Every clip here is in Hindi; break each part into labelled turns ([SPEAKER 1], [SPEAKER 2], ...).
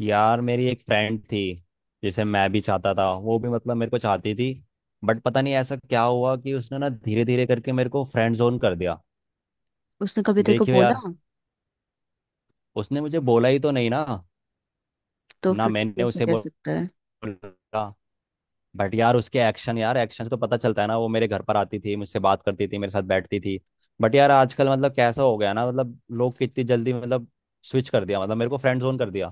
[SPEAKER 1] यार मेरी एक फ्रेंड थी जिसे मैं भी चाहता था, वो भी मतलब मेरे को चाहती थी। बट पता नहीं ऐसा क्या हुआ कि उसने ना धीरे धीरे करके मेरे को फ्रेंड जोन कर दिया।
[SPEAKER 2] उसने कभी तेरे को
[SPEAKER 1] देखियो
[SPEAKER 2] बोला।
[SPEAKER 1] यार, उसने मुझे बोला ही तो नहीं ना।
[SPEAKER 2] तो
[SPEAKER 1] ना
[SPEAKER 2] फिर तू
[SPEAKER 1] मैंने
[SPEAKER 2] कैसे
[SPEAKER 1] उसे
[SPEAKER 2] कह सकता है।
[SPEAKER 1] बोला। बट यार उसके एक्शन, यार एक्शन से तो पता चलता है ना। वो मेरे घर पर आती थी, मुझसे बात करती थी, मेरे साथ बैठती थी। बट यार आजकल मतलब कैसा हो गया ना, मतलब लोग कितनी जल्दी मतलब स्विच कर दिया, मतलब मेरे को फ्रेंड जोन कर दिया।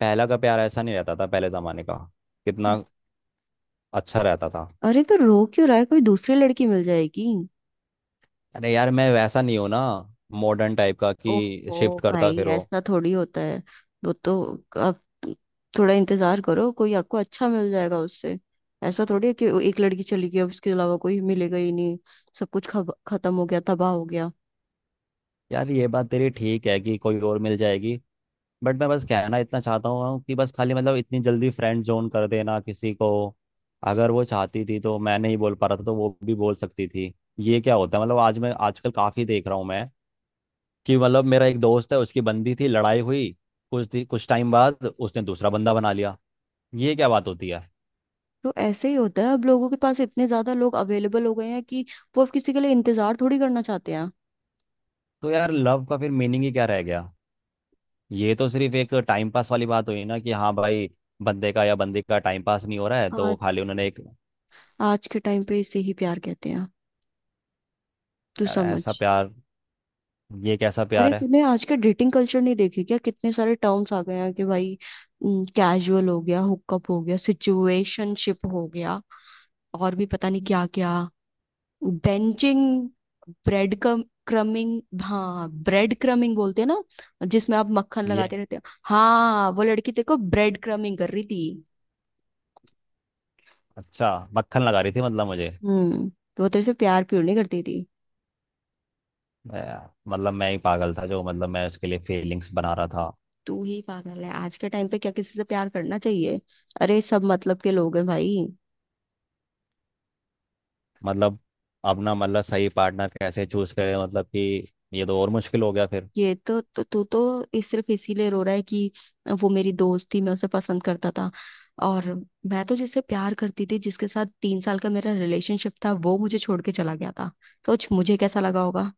[SPEAKER 1] पहला का प्यार ऐसा नहीं रहता था, पहले जमाने का कितना अच्छा रहता था।
[SPEAKER 2] अरे तो रो क्यों रहा है, कोई दूसरी लड़की मिल जाएगी।
[SPEAKER 1] अरे यार मैं वैसा नहीं हूँ ना, मॉडर्न टाइप का कि
[SPEAKER 2] ओहो
[SPEAKER 1] शिफ्ट करता
[SPEAKER 2] भाई,
[SPEAKER 1] फिरो।
[SPEAKER 2] ऐसा थोड़ी होता है। वो तो अब थोड़ा इंतजार करो, कोई आपको अच्छा मिल जाएगा उससे। ऐसा थोड़ी है कि वो एक लड़की चली गई, अब उसके अलावा कोई मिलेगा ही नहीं, सब कुछ खत्म हो गया, तबाह हो गया।
[SPEAKER 1] यार ये बात तेरी ठीक है कि कोई और मिल जाएगी, बट मैं बस कहना इतना चाहता हूँ कि बस खाली मतलब इतनी जल्दी फ्रेंड जोन कर देना किसी को। अगर वो चाहती थी तो मैं नहीं बोल पा रहा था तो वो भी बोल सकती थी। ये क्या होता है, मतलब आज मैं आजकल काफ़ी देख रहा हूँ मैं कि मतलब मेरा एक दोस्त है, उसकी बंदी थी, लड़ाई हुई। कुछ टाइम बाद उसने दूसरा बंदा बना लिया। ये क्या बात होती है।
[SPEAKER 2] तो ऐसे ही होता है, अब लोगों के पास इतने ज्यादा लोग अवेलेबल हो गए हैं कि वो अब किसी के लिए इंतजार थोड़ी करना चाहते हैं।
[SPEAKER 1] तो यार लव का फिर मीनिंग ही क्या रह गया। ये तो सिर्फ एक टाइम पास वाली बात हुई ना, कि हाँ भाई, बंदे का या बंदी का टाइम पास नहीं हो रहा है तो वो
[SPEAKER 2] आज
[SPEAKER 1] खाली उन्होंने एक
[SPEAKER 2] आज के टाइम पे इसे ही प्यार कहते हैं, तू
[SPEAKER 1] "यार,
[SPEAKER 2] समझ।
[SPEAKER 1] ऐसा प्यार, ये कैसा
[SPEAKER 2] अरे
[SPEAKER 1] प्यार है"।
[SPEAKER 2] तूने आज के डेटिंग कल्चर नहीं देखे क्या, कितने सारे टर्म्स आ गए हैं कि भाई कैजुअल हो गया, हुकअप हो गया, सिचुएशनशिप हो गया और भी पता नहीं क्या क्या। बेंचिंग, ब्रेड कम क्रमिंग हाँ, ब्रेड क्रमिंग बोलते हैं ना, जिसमें आप मक्खन
[SPEAKER 1] ये
[SPEAKER 2] लगाते रहते हो। हाँ वो लड़की तेरे को ब्रेड क्रमिंग कर रही थी।
[SPEAKER 1] अच्छा, मक्खन लगा रही थी मतलब मुझे।
[SPEAKER 2] हम्म, तो वो तेरे से प्यार प्यार नहीं करती थी।
[SPEAKER 1] ए, मतलब मैं ही पागल था, जो मतलब मैं उसके लिए फीलिंग्स बना रहा था।
[SPEAKER 2] तू ही पागल है, आज के टाइम पे क्या किसी से प्यार करना चाहिए, अरे सब मतलब के लोग हैं भाई।
[SPEAKER 1] मतलब अब ना, मतलब सही पार्टनर कैसे चूज करे, मतलब कि ये तो और मुश्किल हो गया फिर।
[SPEAKER 2] ये तो तू तो, इस सिर्फ इसीलिए रो रहा है कि वो मेरी दोस्त थी, मैं उसे पसंद करता था। और मैं तो जिससे प्यार करती थी, जिसके साथ तीन साल का मेरा रिलेशनशिप था, वो मुझे छोड़ के चला गया था। सोच मुझे कैसा लगा होगा।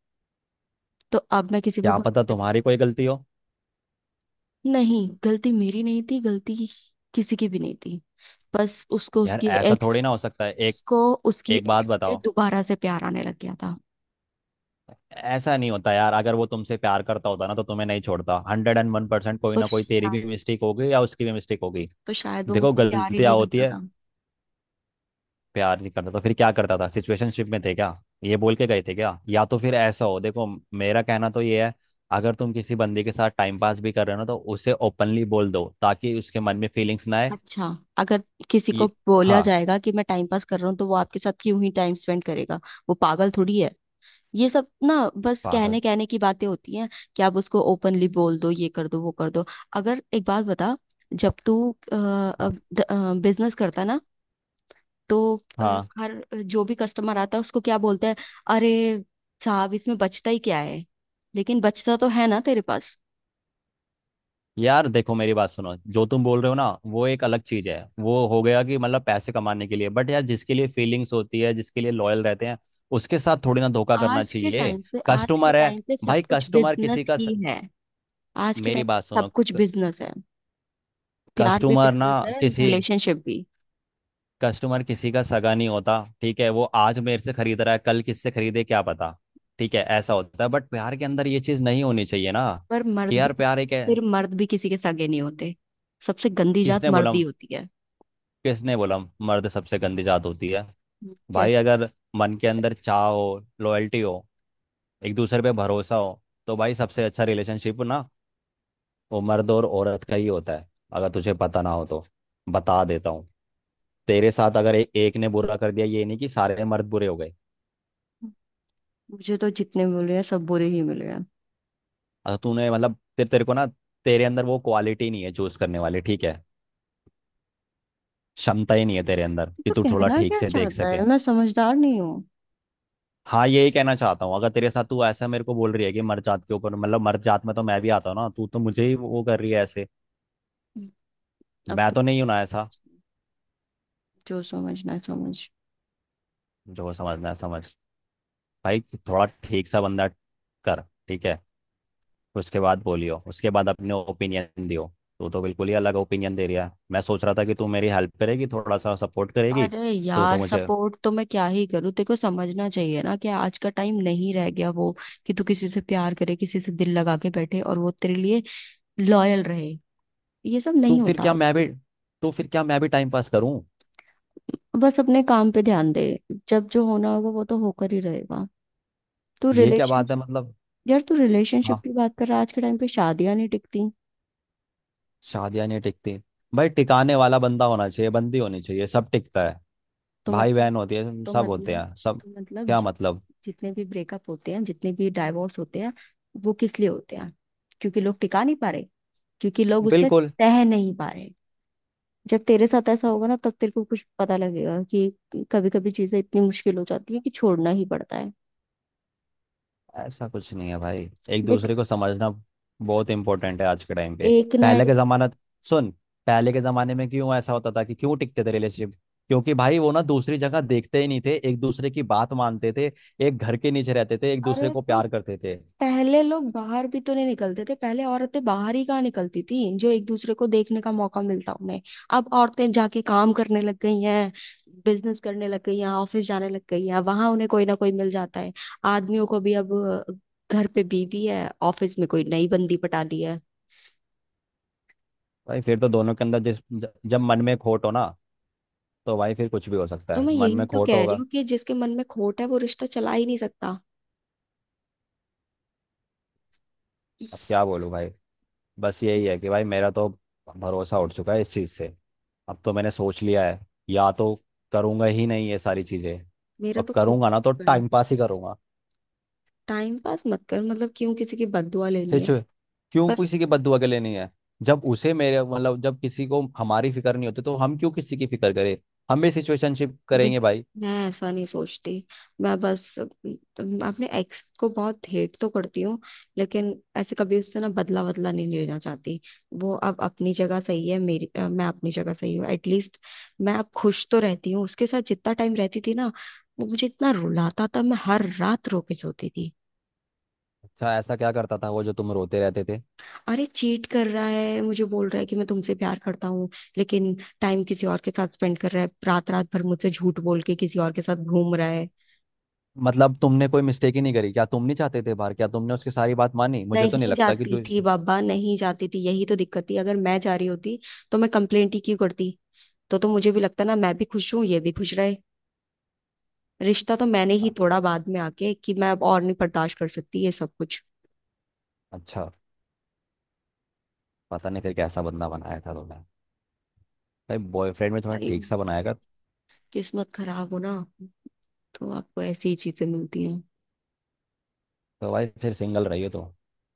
[SPEAKER 2] तो अब मैं किसी पे
[SPEAKER 1] क्या पता
[SPEAKER 2] भरोसा ही
[SPEAKER 1] तुम्हारी कोई गलती हो।
[SPEAKER 2] नहीं। नहीं गलती मेरी नहीं थी, गलती किसी की भी नहीं थी। बस
[SPEAKER 1] यार ऐसा थोड़ी ना हो सकता है, एक,
[SPEAKER 2] उसको उसकी
[SPEAKER 1] एक बात
[SPEAKER 2] एक्स से
[SPEAKER 1] बताओ।
[SPEAKER 2] दोबारा से प्यार आने लग गया था।
[SPEAKER 1] ऐसा नहीं होता यार, अगर वो तुमसे प्यार करता होता ना तो तुम्हें नहीं छोड़ता। 101% कोई
[SPEAKER 2] तो
[SPEAKER 1] ना कोई तेरी
[SPEAKER 2] शायद
[SPEAKER 1] भी मिस्टेक होगी या उसकी भी मिस्टेक होगी।
[SPEAKER 2] तो शायद वो
[SPEAKER 1] देखो
[SPEAKER 2] मुझसे प्यार ही
[SPEAKER 1] गलतियां
[SPEAKER 2] नहीं
[SPEAKER 1] होती
[SPEAKER 2] करता
[SPEAKER 1] है।
[SPEAKER 2] था।
[SPEAKER 1] प्यार नहीं करता तो फिर क्या करता था, सिचुएशनशिप में थे क्या? ये बोल के गए थे क्या? या तो फिर ऐसा हो, देखो मेरा कहना तो ये है, अगर तुम किसी बंदे के साथ टाइम पास भी कर रहे हो ना तो उसे ओपनली बोल दो ताकि उसके मन में फीलिंग्स ना आए।
[SPEAKER 2] अच्छा, अगर किसी को
[SPEAKER 1] ये
[SPEAKER 2] बोला
[SPEAKER 1] हाँ।
[SPEAKER 2] जाएगा कि मैं टाइम पास कर रहा हूँ, तो वो आपके साथ क्यों ही टाइम स्पेंड करेगा। वो पागल थोड़ी है। ये सब ना बस
[SPEAKER 1] पागल।
[SPEAKER 2] कहने कहने की बातें होती हैं कि आप उसको ओपनली बोल दो, ये कर दो, वो कर दो। अगर एक बात बता, जब तू
[SPEAKER 1] हाँ
[SPEAKER 2] बिजनेस करता ना, तो अ,
[SPEAKER 1] हाँ।
[SPEAKER 2] हर जो भी कस्टमर आता है उसको क्या बोलता है, अरे साहब इसमें बचता ही क्या है। लेकिन बचता तो है ना तेरे पास।
[SPEAKER 1] यार देखो मेरी बात सुनो, जो तुम बोल रहे हो ना वो एक अलग चीज है, वो हो गया कि मतलब पैसे कमाने के लिए। बट यार जिसके लिए फीलिंग्स होती है, जिसके लिए लॉयल रहते हैं, उसके साथ थोड़ी ना धोखा करना
[SPEAKER 2] आज के
[SPEAKER 1] चाहिए।
[SPEAKER 2] टाइम पे आज के
[SPEAKER 1] कस्टमर है
[SPEAKER 2] टाइम पे सब
[SPEAKER 1] भाई,
[SPEAKER 2] कुछ
[SPEAKER 1] कस्टमर
[SPEAKER 2] बिजनेस
[SPEAKER 1] किसी का स...
[SPEAKER 2] ही है। आज के
[SPEAKER 1] मेरी
[SPEAKER 2] टाइम पे
[SPEAKER 1] बात सुनो।
[SPEAKER 2] सब कुछ बिजनेस है, प्यार भी
[SPEAKER 1] कस्टमर ना,
[SPEAKER 2] बिजनेस है,
[SPEAKER 1] किसी
[SPEAKER 2] रिलेशनशिप भी।
[SPEAKER 1] कस्टमर किसी का सगा नहीं होता, ठीक है? वो आज मेरे से खरीद रहा है, कल किससे खरीदे क्या पता। ठीक है ऐसा होता है, बट प्यार के अंदर ये चीज नहीं होनी चाहिए ना,
[SPEAKER 2] पर मर्द
[SPEAKER 1] कि यार
[SPEAKER 2] भी
[SPEAKER 1] प्यार एक है।
[SPEAKER 2] फिर मर्द भी किसी के सगे नहीं होते। सबसे गंदी जात
[SPEAKER 1] किसने बोला,
[SPEAKER 2] मर्दी होती है।
[SPEAKER 1] किसने बोला मर्द सबसे गंदी जात होती है? भाई
[SPEAKER 2] जैसे
[SPEAKER 1] अगर मन के अंदर चाह हो, लॉयल्टी हो, एक दूसरे पे भरोसा हो, तो भाई सबसे अच्छा रिलेशनशिप ना, वो मर्द और औरत का ही होता है। अगर तुझे पता ना हो तो बता देता हूँ, तेरे साथ अगर एक ने बुरा कर दिया, ये नहीं कि सारे मर्द बुरे हो गए।
[SPEAKER 2] मुझे तो जितने मिले हैं सब बुरे ही मिले हैं।
[SPEAKER 1] अगर तूने मतलब तेरे तेरे को ना, तेरे अंदर वो क्वालिटी नहीं है चूज करने वाली, ठीक है? क्षमता ही नहीं है तेरे अंदर कि
[SPEAKER 2] तो
[SPEAKER 1] तू थोड़ा
[SPEAKER 2] कहना
[SPEAKER 1] ठीक
[SPEAKER 2] क्या
[SPEAKER 1] से देख
[SPEAKER 2] चाहता
[SPEAKER 1] सके।
[SPEAKER 2] है, मैं समझदार नहीं हूँ।
[SPEAKER 1] हाँ यही कहना चाहता हूँ, अगर तेरे साथ तू ऐसा मेरे को बोल रही है कि मर्द जात के ऊपर, मतलब मर्द जात में तो मैं भी आता हूँ ना, तू तो मुझे ही वो कर रही है ऐसे।
[SPEAKER 2] हम्म, अब
[SPEAKER 1] मैं
[SPEAKER 2] तो
[SPEAKER 1] तो नहीं हूं ना ऐसा।
[SPEAKER 2] समझ, जो समझना है समझ।
[SPEAKER 1] जो समझना है समझ। भाई थोड़ा ठीक सा बंदा कर, ठीक है? उसके बाद बोलियो, उसके बाद अपने ओपिनियन दियो। तू तो बिल्कुल ही अलग ओपिनियन दे रहा है, मैं सोच रहा था कि तू मेरी हेल्प करेगी, थोड़ा सा सपोर्ट करेगी।
[SPEAKER 2] अरे
[SPEAKER 1] तो तो
[SPEAKER 2] यार
[SPEAKER 1] मुझे
[SPEAKER 2] सपोर्ट तो मैं क्या ही करूँ, तेरे को समझना चाहिए ना कि आज का टाइम नहीं रह गया वो, कि तू किसी से प्यार करे, किसी से दिल लगा के बैठे और वो तेरे लिए लॉयल रहे। ये सब
[SPEAKER 1] तो
[SPEAKER 2] नहीं
[SPEAKER 1] फिर
[SPEAKER 2] होता।
[SPEAKER 1] क्या मैं भी तो फिर क्या मैं भी टाइम पास करूं?
[SPEAKER 2] बस अपने काम पे ध्यान दे, जब जो होना होगा वो तो होकर ही रहेगा। तू
[SPEAKER 1] ये क्या
[SPEAKER 2] रिलेशन
[SPEAKER 1] बात है मतलब।
[SPEAKER 2] तू रिलेशनशिप
[SPEAKER 1] हाँ,
[SPEAKER 2] की बात कर रहा है, आज के टाइम पे शादियां नहीं टिकती।
[SPEAKER 1] शादियां नहीं टिकती, भाई टिकाने वाला बंदा होना चाहिए, बंदी होनी चाहिए, सब टिकता है।
[SPEAKER 2] तो
[SPEAKER 1] भाई
[SPEAKER 2] मतलब
[SPEAKER 1] बहन होती है,
[SPEAKER 2] तो
[SPEAKER 1] सब होते
[SPEAKER 2] मतलब
[SPEAKER 1] हैं सब।
[SPEAKER 2] तो मतलब
[SPEAKER 1] क्या
[SPEAKER 2] जि,
[SPEAKER 1] मतलब?
[SPEAKER 2] जितने भी ब्रेकअप होते हैं, जितने भी डाइवोर्स होते हैं, वो किस लिए होते हैं, क्योंकि लोग टिका नहीं पा रहे, क्योंकि लोग उसमें
[SPEAKER 1] बिल्कुल।
[SPEAKER 2] तह नहीं पा रहे। जब तेरे साथ ऐसा होगा ना तब तेरे को कुछ पता लगेगा कि कभी कभी चीजें इतनी मुश्किल हो जाती है कि छोड़ना ही पड़ता है।
[SPEAKER 1] ऐसा कुछ नहीं है भाई, एक
[SPEAKER 2] देख,
[SPEAKER 1] दूसरे को समझना बहुत इंपॉर्टेंट है आज के टाइम पे।
[SPEAKER 2] एक ना
[SPEAKER 1] पहले
[SPEAKER 2] एक।
[SPEAKER 1] के जमाना, सुन, पहले के जमाने में क्यों ऐसा होता था, कि क्यों टिकते थे रिलेशनशिप? क्योंकि भाई वो ना दूसरी जगह देखते ही नहीं थे, एक दूसरे की बात मानते थे, एक घर के नीचे रहते थे, एक दूसरे
[SPEAKER 2] अरे
[SPEAKER 1] को
[SPEAKER 2] तो
[SPEAKER 1] प्यार करते थे।
[SPEAKER 2] पहले लोग बाहर भी तो नहीं निकलते थे, पहले औरतें बाहर ही कहाँ निकलती थी, जो एक दूसरे को देखने का मौका मिलता उन्हें। अब औरतें जाके काम करने लग गई हैं, बिजनेस करने लग गई हैं, ऑफिस जाने लग गई हैं, वहां उन्हें कोई ना कोई मिल जाता है। आदमियों को भी अब घर पे बीवी है, ऑफिस में कोई नई बंदी पटा ली है।
[SPEAKER 1] भाई फिर तो दोनों के अंदर जब मन में खोट हो ना, तो भाई फिर कुछ भी हो सकता
[SPEAKER 2] तो
[SPEAKER 1] है,
[SPEAKER 2] मैं
[SPEAKER 1] मन
[SPEAKER 2] यही
[SPEAKER 1] में
[SPEAKER 2] तो
[SPEAKER 1] खोट
[SPEAKER 2] कह रही
[SPEAKER 1] होगा।
[SPEAKER 2] हूँ कि जिसके मन में खोट है वो रिश्ता चला ही नहीं सकता।
[SPEAKER 1] अब क्या बोलूं भाई, बस यही है कि भाई मेरा तो भरोसा उठ चुका है इस चीज़ से। अब तो मैंने सोच लिया है, या तो करूँगा ही नहीं ये सारी चीज़ें,
[SPEAKER 2] मेरा
[SPEAKER 1] और
[SPEAKER 2] तो खुद
[SPEAKER 1] करूँगा ना तो
[SPEAKER 2] है।
[SPEAKER 1] टाइम पास ही करूँगा।
[SPEAKER 2] टाइम पास मत कर, मतलब क्यों किसी की बददुआ लेनी
[SPEAKER 1] सच
[SPEAKER 2] है।
[SPEAKER 1] में। क्यों किसी की बददुआ के लिए नहीं है। जब उसे मेरे मतलब, जब किसी को हमारी फिक्र नहीं होती तो हम क्यों किसी की फिक्र करें। हम भी सिचुएशनशिप
[SPEAKER 2] देख,
[SPEAKER 1] करेंगे भाई।
[SPEAKER 2] मैं ऐसा नहीं सोचती, मैं बस, मैं अपने एक्स को बहुत हेट तो करती हूँ, लेकिन ऐसे कभी उससे ना बदला बदला नहीं लेना चाहती। वो अब अपनी जगह सही है, मैं अपनी जगह सही हूँ एटलीस्ट। मैं अब खुश तो रहती हूँ, उसके साथ जितना टाइम रहती थी ना वो मुझे इतना रुलाता था, मैं हर रात रो के सोती थी।
[SPEAKER 1] अच्छा, ऐसा क्या करता था वो, जो तुम रोते रहते थे?
[SPEAKER 2] अरे चीट कर रहा है, मुझे बोल रहा है कि मैं तुमसे प्यार करता हूँ, लेकिन टाइम किसी और के साथ स्पेंड कर रहा है, रात रात भर मुझसे झूठ बोल के किसी और के साथ घूम रहा है।
[SPEAKER 1] मतलब तुमने कोई मिस्टेक ही नहीं करी क्या, तुम नहीं चाहते थे बाहर, क्या तुमने उसकी सारी बात मानी? मुझे तो नहीं
[SPEAKER 2] नहीं
[SPEAKER 1] लगता कि
[SPEAKER 2] जाती
[SPEAKER 1] जो।
[SPEAKER 2] थी बाबा, नहीं जाती थी, यही तो दिक्कत थी। अगर मैं जा रही होती तो मैं कंप्लेंट ही क्यों करती। तो मुझे भी लगता ना मैं भी खुश हूँ, ये भी खुश रहे। रिश्ता तो मैंने ही तोड़ा बाद में आके कि मैं अब और नहीं बर्दाश्त कर सकती ये सब कुछ।
[SPEAKER 1] अच्छा, पता नहीं फिर कैसा बंदा बनाया था तुमने, भाई बॉयफ्रेंड में थोड़ा
[SPEAKER 2] भाई
[SPEAKER 1] ठीक सा बनाएगा।
[SPEAKER 2] किस्मत खराब हो ना तो आपको ऐसी ही चीजें मिलती हैं।
[SPEAKER 1] तो भाई फिर सिंगल रहिए तो,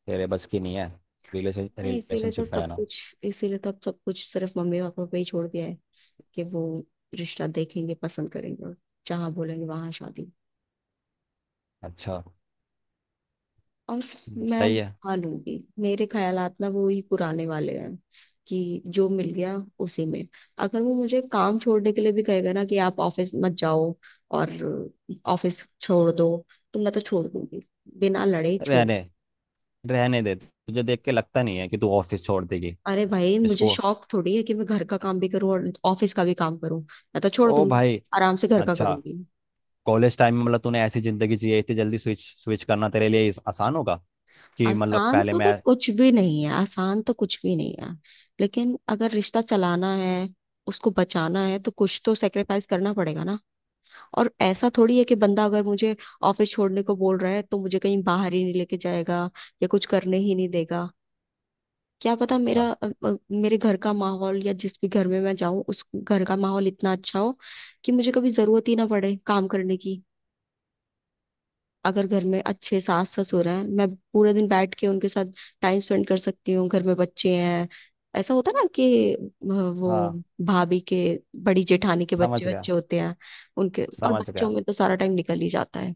[SPEAKER 1] तेरे बस की नहीं है रिलेशन
[SPEAKER 2] हाँ इसीलिए तो
[SPEAKER 1] रिलेशनशिप में
[SPEAKER 2] सब
[SPEAKER 1] रहना।
[SPEAKER 2] कुछ इसीलिए तो अब सब कुछ सिर्फ मम्मी पापा पे ही छोड़ दिया है कि वो रिश्ता देखेंगे, पसंद करेंगे और जहाँ बोलेंगे वहां शादी।
[SPEAKER 1] अच्छा।
[SPEAKER 2] और मैं
[SPEAKER 1] सही है।
[SPEAKER 2] निभा लूंगी, मेरे ख्यालात ना वो ही पुराने वाले हैं कि जो मिल गया उसी में। अगर वो मुझे काम छोड़ने के लिए भी कहेगा ना कि आप ऑफिस मत जाओ और ऑफिस छोड़ दो, तो मैं तो छोड़ दूंगी, बिना लड़े छोड़।
[SPEAKER 1] रहने रहने दे, तुझे देख के लगता नहीं है कि तू ऑफिस छोड़ देगी।
[SPEAKER 2] अरे भाई मुझे
[SPEAKER 1] इसको।
[SPEAKER 2] शौक थोड़ी है कि मैं घर का काम भी करूं और ऑफिस का भी काम करूं, मैं तो छोड़
[SPEAKER 1] ओ
[SPEAKER 2] दूंगी,
[SPEAKER 1] भाई।
[SPEAKER 2] आराम से घर का
[SPEAKER 1] अच्छा,
[SPEAKER 2] करूंगी।
[SPEAKER 1] कॉलेज टाइम में मतलब तूने ऐसी जिंदगी जी है, इतनी जल्दी स्विच स्विच करना तेरे लिए आसान होगा, कि मतलब
[SPEAKER 2] आसान
[SPEAKER 1] पहले
[SPEAKER 2] तो
[SPEAKER 1] मैं।
[SPEAKER 2] देख कुछ भी नहीं है, आसान तो कुछ भी नहीं है, लेकिन अगर रिश्ता चलाना है, उसको बचाना है, तो कुछ तो सेक्रीफाइस करना पड़ेगा ना। और ऐसा थोड़ी है कि बंदा अगर मुझे ऑफिस छोड़ने को बोल रहा है तो मुझे कहीं बाहर ही नहीं लेके जाएगा या कुछ करने ही नहीं देगा। क्या पता
[SPEAKER 1] अच्छा।
[SPEAKER 2] मेरे घर का माहौल या जिस भी घर में मैं जाऊं उस घर का माहौल इतना अच्छा हो कि मुझे कभी जरूरत ही ना पड़े काम करने की। अगर घर में अच्छे सास ससुर हैं, मैं पूरे दिन बैठ के उनके साथ टाइम स्पेंड कर सकती हूँ। घर में बच्चे हैं, ऐसा होता है ना कि
[SPEAKER 1] हाँ।
[SPEAKER 2] वो भाभी के, बड़ी जेठानी के बच्चे
[SPEAKER 1] समझ गया।
[SPEAKER 2] बच्चे होते हैं, उनके और
[SPEAKER 1] समझ
[SPEAKER 2] बच्चों
[SPEAKER 1] गया।
[SPEAKER 2] में तो सारा टाइम निकल ही जाता है।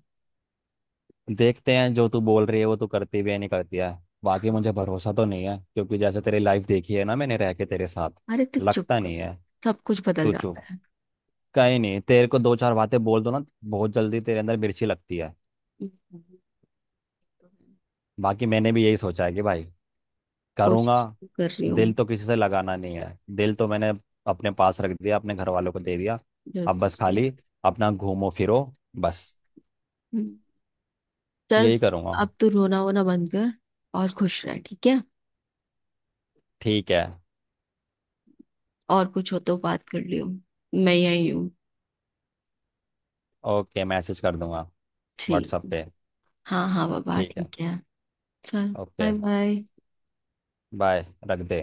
[SPEAKER 1] देखते हैं जो तू बोल रही है वो तू करती भी है नहीं करती है। बाकी मुझे भरोसा तो नहीं है क्योंकि जैसे तेरी लाइफ देखी है ना मैंने रह के तेरे साथ,
[SPEAKER 2] अरे तो चुप
[SPEAKER 1] लगता
[SPEAKER 2] कर,
[SPEAKER 1] नहीं है।
[SPEAKER 2] सब कुछ बदल
[SPEAKER 1] तू चुप।
[SPEAKER 2] जाता है।
[SPEAKER 1] कहीं नहीं, तेरे को दो चार बातें बोल दो ना, बहुत जल्दी तेरे अंदर मिर्ची लगती है।
[SPEAKER 2] तो है।
[SPEAKER 1] बाकी मैंने भी यही सोचा है कि भाई करूँगा,
[SPEAKER 2] कोशिश तो कर रही
[SPEAKER 1] दिल
[SPEAKER 2] हूँ।
[SPEAKER 1] तो किसी से लगाना नहीं है। दिल तो मैंने अपने पास रख दिया, अपने घर वालों को दे दिया।
[SPEAKER 2] जो
[SPEAKER 1] अब बस
[SPEAKER 2] कुछ भी।
[SPEAKER 1] खाली अपना घूमो फिरो, बस
[SPEAKER 2] हम्म, चल,
[SPEAKER 1] यही करूँगा।
[SPEAKER 2] अब तू रोना वोना बंद कर और खुश रह, ठीक है।
[SPEAKER 1] ठीक है।
[SPEAKER 2] और कुछ हो तो बात कर लियो, मैं यही हूँ।
[SPEAKER 1] ओके, मैसेज कर दूंगा
[SPEAKER 2] ठीक।
[SPEAKER 1] व्हाट्सएप पे।
[SPEAKER 2] हाँ हाँ बाबा
[SPEAKER 1] ठीक है।
[SPEAKER 2] ठीक है। चल,
[SPEAKER 1] ओके,
[SPEAKER 2] बाय बाय।
[SPEAKER 1] बाय। रख दे।